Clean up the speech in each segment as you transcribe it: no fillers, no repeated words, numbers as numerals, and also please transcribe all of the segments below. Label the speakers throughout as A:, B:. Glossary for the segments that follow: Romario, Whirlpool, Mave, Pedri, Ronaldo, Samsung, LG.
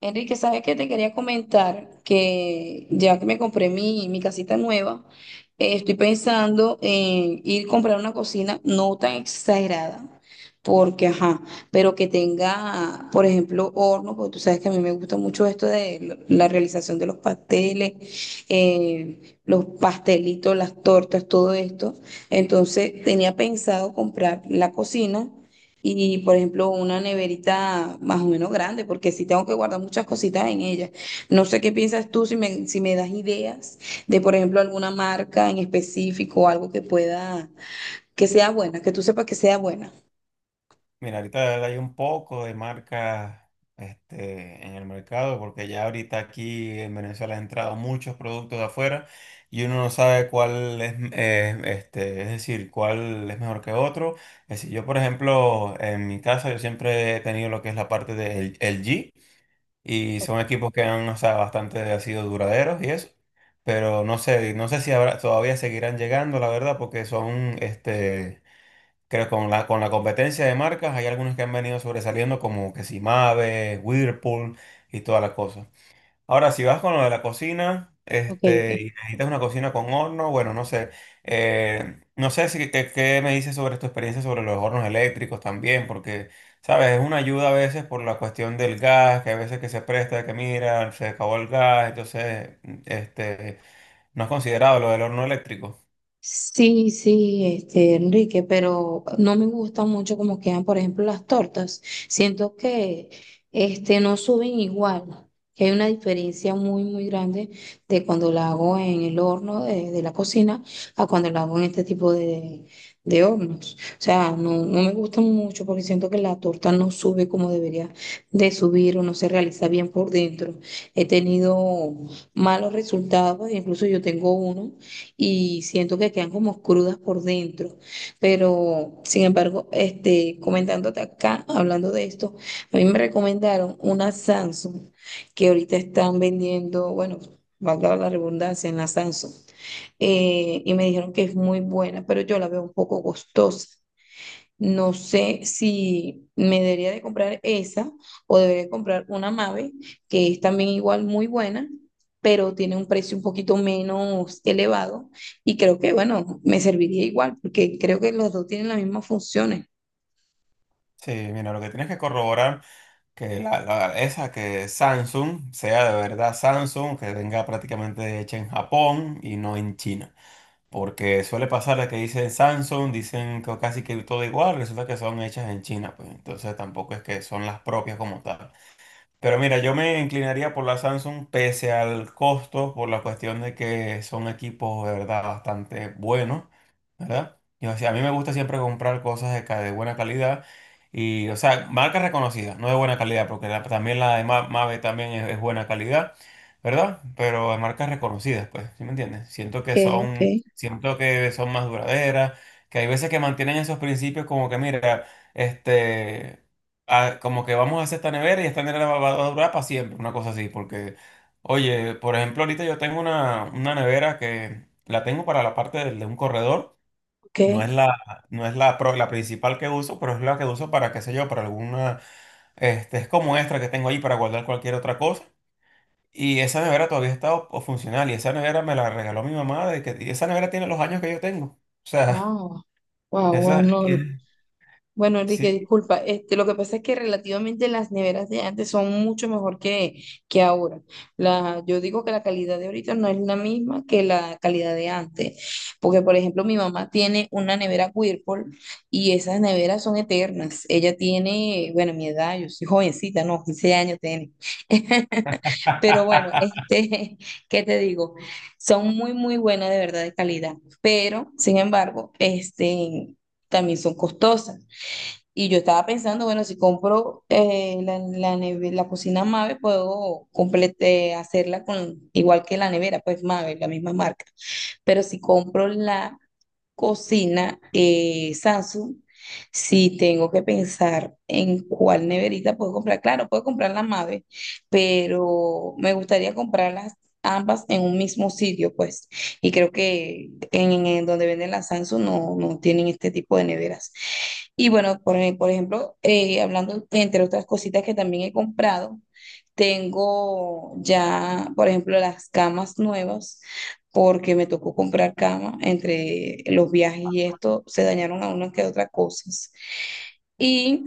A: Enrique, ¿sabes qué? Te quería comentar que ya que me compré mi casita nueva, estoy pensando en ir a comprar una cocina no tan exagerada, porque, ajá, pero que tenga, por ejemplo, horno, porque tú sabes que a mí me gusta mucho esto de la realización de los pasteles, eh, los pastelitos, las tortas, todo esto. Entonces, tenía pensado comprar la cocina y, por ejemplo, una neverita más o menos grande, porque sí tengo que guardar muchas cositas en ella. No sé qué piensas tú, si me das ideas de, por ejemplo, alguna marca en específico, algo que pueda, que sea buena, que tú sepas que sea buena.
B: Mira, ahorita hay un poco de marcas en el mercado porque ya ahorita aquí en Venezuela han entrado muchos productos de afuera y uno no sabe cuál es, es decir, cuál es mejor que otro. Es decir, yo, por ejemplo, en mi casa yo siempre he tenido lo que es la parte del LG y son equipos que han, o sea, bastante sido duraderos y eso. Pero no sé, no sé si todavía seguirán llegando, la verdad, porque son Creo que con la competencia de marcas hay algunos que han venido sobresaliendo como que si Mave, Whirlpool y toda la cosa. Ahora, si vas con lo de la cocina,
A: Ok, ok.
B: y necesitas una cocina con horno, bueno, no sé. No sé si qué me dices sobre tu experiencia sobre los hornos eléctricos también, porque sabes, es una ayuda a veces por la cuestión del gas, que a veces que se presta, que mira, se acabó el gas, entonces, este, no has considerado lo del horno eléctrico.
A: Sí, sí, este, Enrique, pero no me gusta mucho como quedan, por ejemplo, las tortas. Siento que este, no suben igual, que hay una diferencia muy, muy grande de cuando la hago en el horno de la cocina a cuando la hago en este tipo de hornos. O sea, no me gusta mucho porque siento que la torta no sube como debería de subir o no se realiza bien por dentro. He tenido malos resultados, incluso yo tengo uno y siento que quedan como crudas por dentro. Pero, sin embargo, este, comentándote acá, hablando de esto, a mí me recomendaron una Samsung que ahorita están vendiendo, bueno, valga la redundancia, en la Samsung. Y me dijeron que es muy buena, pero yo la veo un poco costosa. No sé si me debería de comprar esa o debería comprar una Mave, que es también igual muy buena, pero tiene un precio un poquito menos elevado y creo que, bueno, me serviría igual porque creo que los dos tienen las mismas funciones.
B: Sí, mira, lo que tienes que corroborar. Que esa que Samsung sea de verdad Samsung, que venga prácticamente hecha en Japón y no en China. Porque suele pasar de que dicen Samsung, dicen que casi que todo igual, resulta que son hechas en China, pues entonces tampoco es que son las propias como tal. Pero mira, yo me inclinaría por la Samsung pese al costo, por la cuestión de que son equipos de verdad bastante buenos, ¿verdad? Y, o sea, a mí me gusta siempre comprar cosas de, de buena calidad y, o sea, marcas reconocidas, no de buena calidad, porque también la de Mave también es buena calidad, ¿verdad? Pero de marcas reconocidas, pues, ¿sí me entiendes?
A: Ok, ok,
B: Siento que son más duraderas, que hay veces que mantienen esos principios como que, mira, este como que vamos a hacer esta nevera y esta nevera va, va a durar para siempre, una cosa así, porque oye, por ejemplo, ahorita yo tengo una nevera que la tengo para la parte de un corredor,
A: ok.
B: no es la, no es la, la principal que uso, pero es la que uso para, qué sé yo, para alguna, es como extra que tengo ahí para guardar cualquier otra cosa. Y esa nevera todavía está o funcional y esa nevera me la regaló mi mamá de que, y esa nevera tiene los años que yo tengo. O sea,
A: Wow, wow, wow,
B: esa, y-
A: no. Bueno, Enrique,
B: sí.
A: disculpa, este, lo que pasa es que relativamente las neveras de antes son mucho mejor que ahora. La, yo digo que la calidad de ahorita no es la misma que la calidad de antes, porque por ejemplo mi mamá tiene una nevera Whirlpool y esas neveras son eternas. Ella tiene, bueno, mi edad, yo soy jovencita, no, 15 años tiene. Pero bueno, este, ¿qué te digo? Son muy, muy buenas de verdad de calidad, pero sin embargo, este... También son costosas. Y yo estaba pensando, bueno, si compro la cocina Mave, puedo complete, hacerla con igual que la nevera, pues Mave, la misma marca. Pero si compro la cocina Samsung, si tengo que pensar en cuál neverita puedo comprar, claro, puedo comprar la madre, pero me gustaría comprarlas ambas en un mismo sitio, pues. Y creo que en donde venden las Samsung no, no tienen este tipo de neveras. Y bueno, por ejemplo, hablando entre otras cositas que también he comprado, tengo ya, por ejemplo, las camas nuevas porque me tocó comprar cama entre los viajes y esto, se dañaron a unas que otras cosas. Y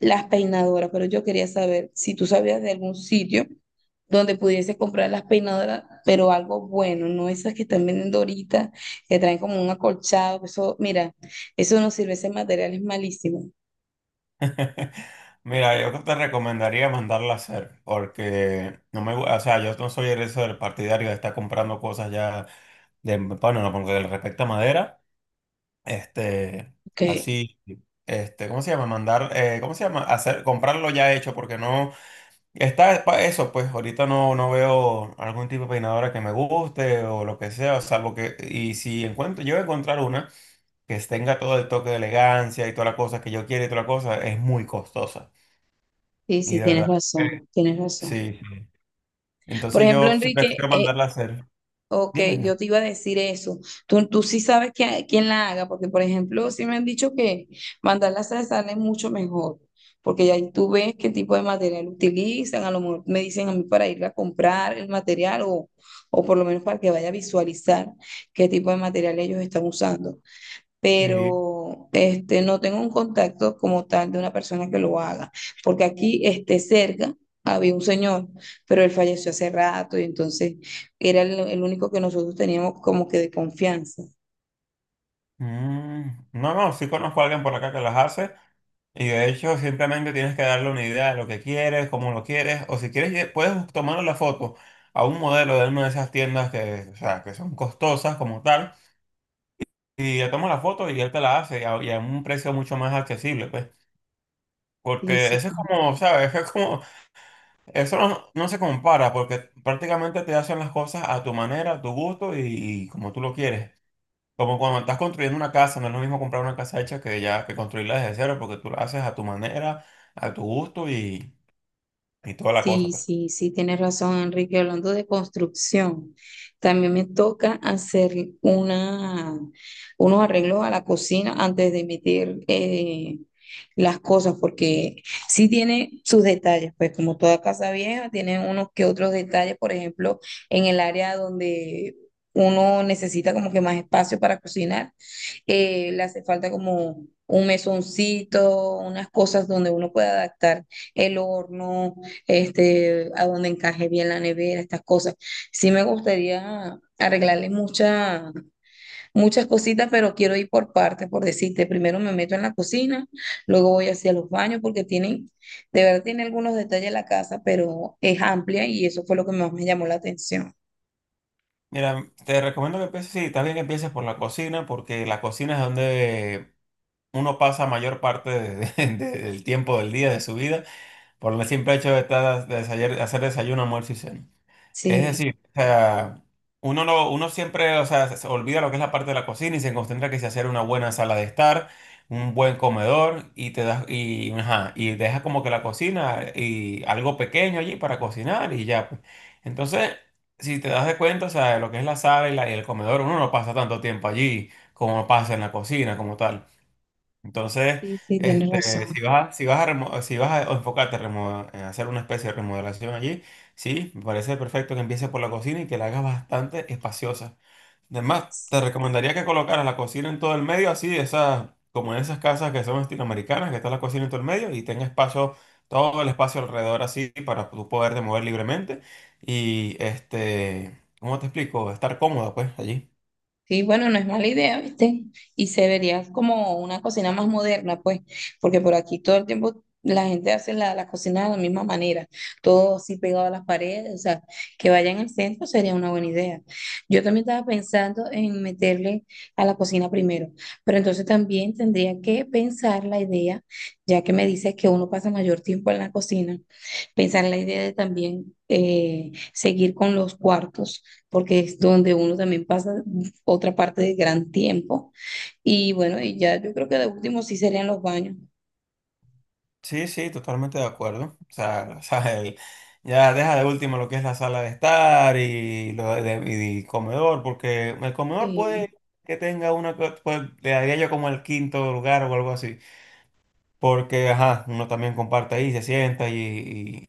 A: las peinadoras, pero yo quería saber si tú sabías de algún sitio donde pudiese comprar las peinadoras, pero algo bueno, no esas que están vendiendo ahorita, que traen como un acolchado, que eso, mira, eso no sirve, ese material es malísimo.
B: Mira, yo te recomendaría mandarla a hacer, porque no me, o sea, yo no soy el eso del partidario de estar comprando cosas ya de, bueno, no, porque le respecta a madera, este,
A: Ok,
B: así, ¿cómo se llama? Mandar, ¿cómo se llama? Hacer, comprarlo ya hecho, porque no, eso, pues, ahorita no, no veo algún tipo de peinadora que me guste o lo que sea, salvo que, y si encuentro, yo encontrar una que tenga todo el toque de elegancia y toda la cosa que yo quiero y toda la cosa, es muy costosa,
A: sí,
B: y
A: sí,
B: de
A: tienes
B: verdad.
A: razón, tienes razón.
B: Sí, sí.
A: Por
B: Entonces
A: ejemplo,
B: yo sí
A: Enrique,
B: prefiero mandarla a hacer.
A: ok,
B: Dime.
A: yo te iba a decir eso. Tú sí sabes que, quién la haga, porque por ejemplo, sí me han dicho que mandar las sal sale mucho mejor, porque ya ahí tú ves qué tipo de material utilizan, a lo mejor me dicen a mí para ir a comprar el material o por lo menos para que vaya a visualizar qué tipo de material ellos están usando
B: Sí.
A: pero este, no tengo un contacto como tal de una persona que lo haga, porque aquí este, cerca había un señor, pero él falleció hace rato y entonces era el único que nosotros teníamos como que de confianza.
B: Mm, no, no, sí conozco a alguien por acá que las hace y de hecho simplemente tienes que darle una idea de lo que quieres, cómo lo quieres o si quieres puedes tomar la foto a un modelo de una de esas tiendas que, o sea, que son costosas como tal y le tomas la foto y él te la hace y a un precio mucho más accesible, pues.
A: Sí,
B: Porque
A: sí.
B: eso es como, ¿sabes? Es como, eso no, no se compara porque prácticamente te hacen las cosas a tu manera, a tu gusto y como tú lo quieres. Como cuando estás construyendo una casa, no es lo mismo comprar una casa hecha que ya que construirla desde cero, porque tú la haces a tu manera, a tu gusto y toda la cosa,
A: Sí,
B: pues.
A: sí, sí, tienes razón, Enrique. Hablando de construcción, también me toca hacer una, unos arreglos a la cocina antes de meter las cosas, porque sí tiene sus detalles, pues como toda casa vieja, tiene unos que otros detalles, por ejemplo, en el área donde uno necesita como que más espacio para cocinar, le hace falta como un mesoncito, unas cosas donde uno pueda adaptar el horno este, a donde encaje bien la nevera, estas cosas. Sí me gustaría arreglarle muchas muchas cositas, pero quiero ir por partes, por decirte, primero me meto en la cocina, luego voy hacia los baños porque tienen, de verdad tiene algunos detalles la casa, pero es amplia y eso fue lo que más me llamó la atención.
B: Mira, te recomiendo que empieces, sí, también que empieces por la cocina, porque la cocina es donde uno pasa mayor parte del tiempo del día, de su vida, por el simple hecho de estar, de hacer desayuno, almuerzo y cena. Es
A: Sí,
B: decir, o sea, uno no, uno siempre, o sea, se olvida lo que es la parte de la cocina y se concentra que se hacer una buena sala de estar, un buen comedor y te das y ajá, y dejas como que la cocina y algo pequeño allí para cocinar y ya, pues. Entonces, si te das de cuenta, o sea, lo que es la sala y el comedor, uno no pasa tanto tiempo allí como pasa en la cocina como tal. Entonces,
A: sí, sí, tienes razón.
B: si vas a, si vas a enfocarte a en hacer una especie de remodelación allí, sí, me parece perfecto que empieces por la cocina y que la hagas bastante espaciosa. Además, te recomendaría que colocaras la cocina en todo el medio, así, de esas, como en esas casas que son estilo americanas, que está la cocina en todo el medio y tenga espacio, todo el espacio alrededor así para tú poderte mover libremente y, ¿cómo te explico? Estar cómoda, pues, allí.
A: Sí, bueno, no es mala idea, ¿viste? Y se vería como una cocina más moderna, pues, porque por aquí todo el tiempo la gente hace la cocina de la misma manera, todo así pegado a las paredes, o sea, que vaya en el centro sería una buena idea. Yo también estaba pensando en meterle a la cocina primero, pero entonces también tendría que pensar la idea, ya que me dices que uno pasa mayor tiempo en la cocina, pensar en la idea de también seguir con los cuartos, porque es donde uno también pasa otra parte de gran tiempo. Y bueno, y ya yo creo que de último sí serían los baños.
B: Sí, sí, totalmente de acuerdo. O sea, o sea, el- ya deja de último lo que es la sala de estar y lo de, y el comedor, porque el comedor
A: Sí,
B: puede que tenga una, pues le daría yo como el quinto lugar o algo así, porque ajá, uno también comparte ahí, se sienta y,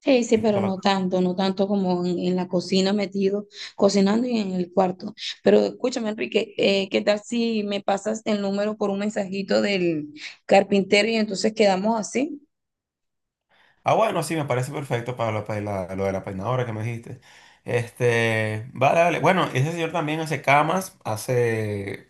A: sí, sí,
B: y toda
A: pero
B: la
A: no
B: cosa.
A: tanto, no tanto como en la cocina metido, cocinando y en el cuarto. Pero escúchame, Enrique, ¿qué tal si me pasas el número por un mensajito del carpintero y entonces quedamos así?
B: Ah, bueno, sí, me parece perfecto para lo, para lo de la peinadora que me dijiste. Vale, vale. Bueno, ese señor también hace camas, hace.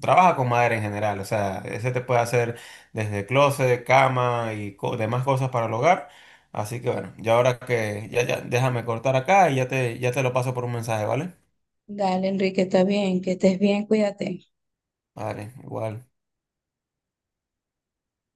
B: Trabaja con madera en general, o sea, ese te puede hacer desde closet, cama y demás cosas para el hogar. Así que bueno, ya ahora que ya, ya déjame cortar acá y ya te lo paso por un mensaje, ¿vale?
A: Dale, Enrique, está bien, que estés bien, cuídate.
B: Vale, igual.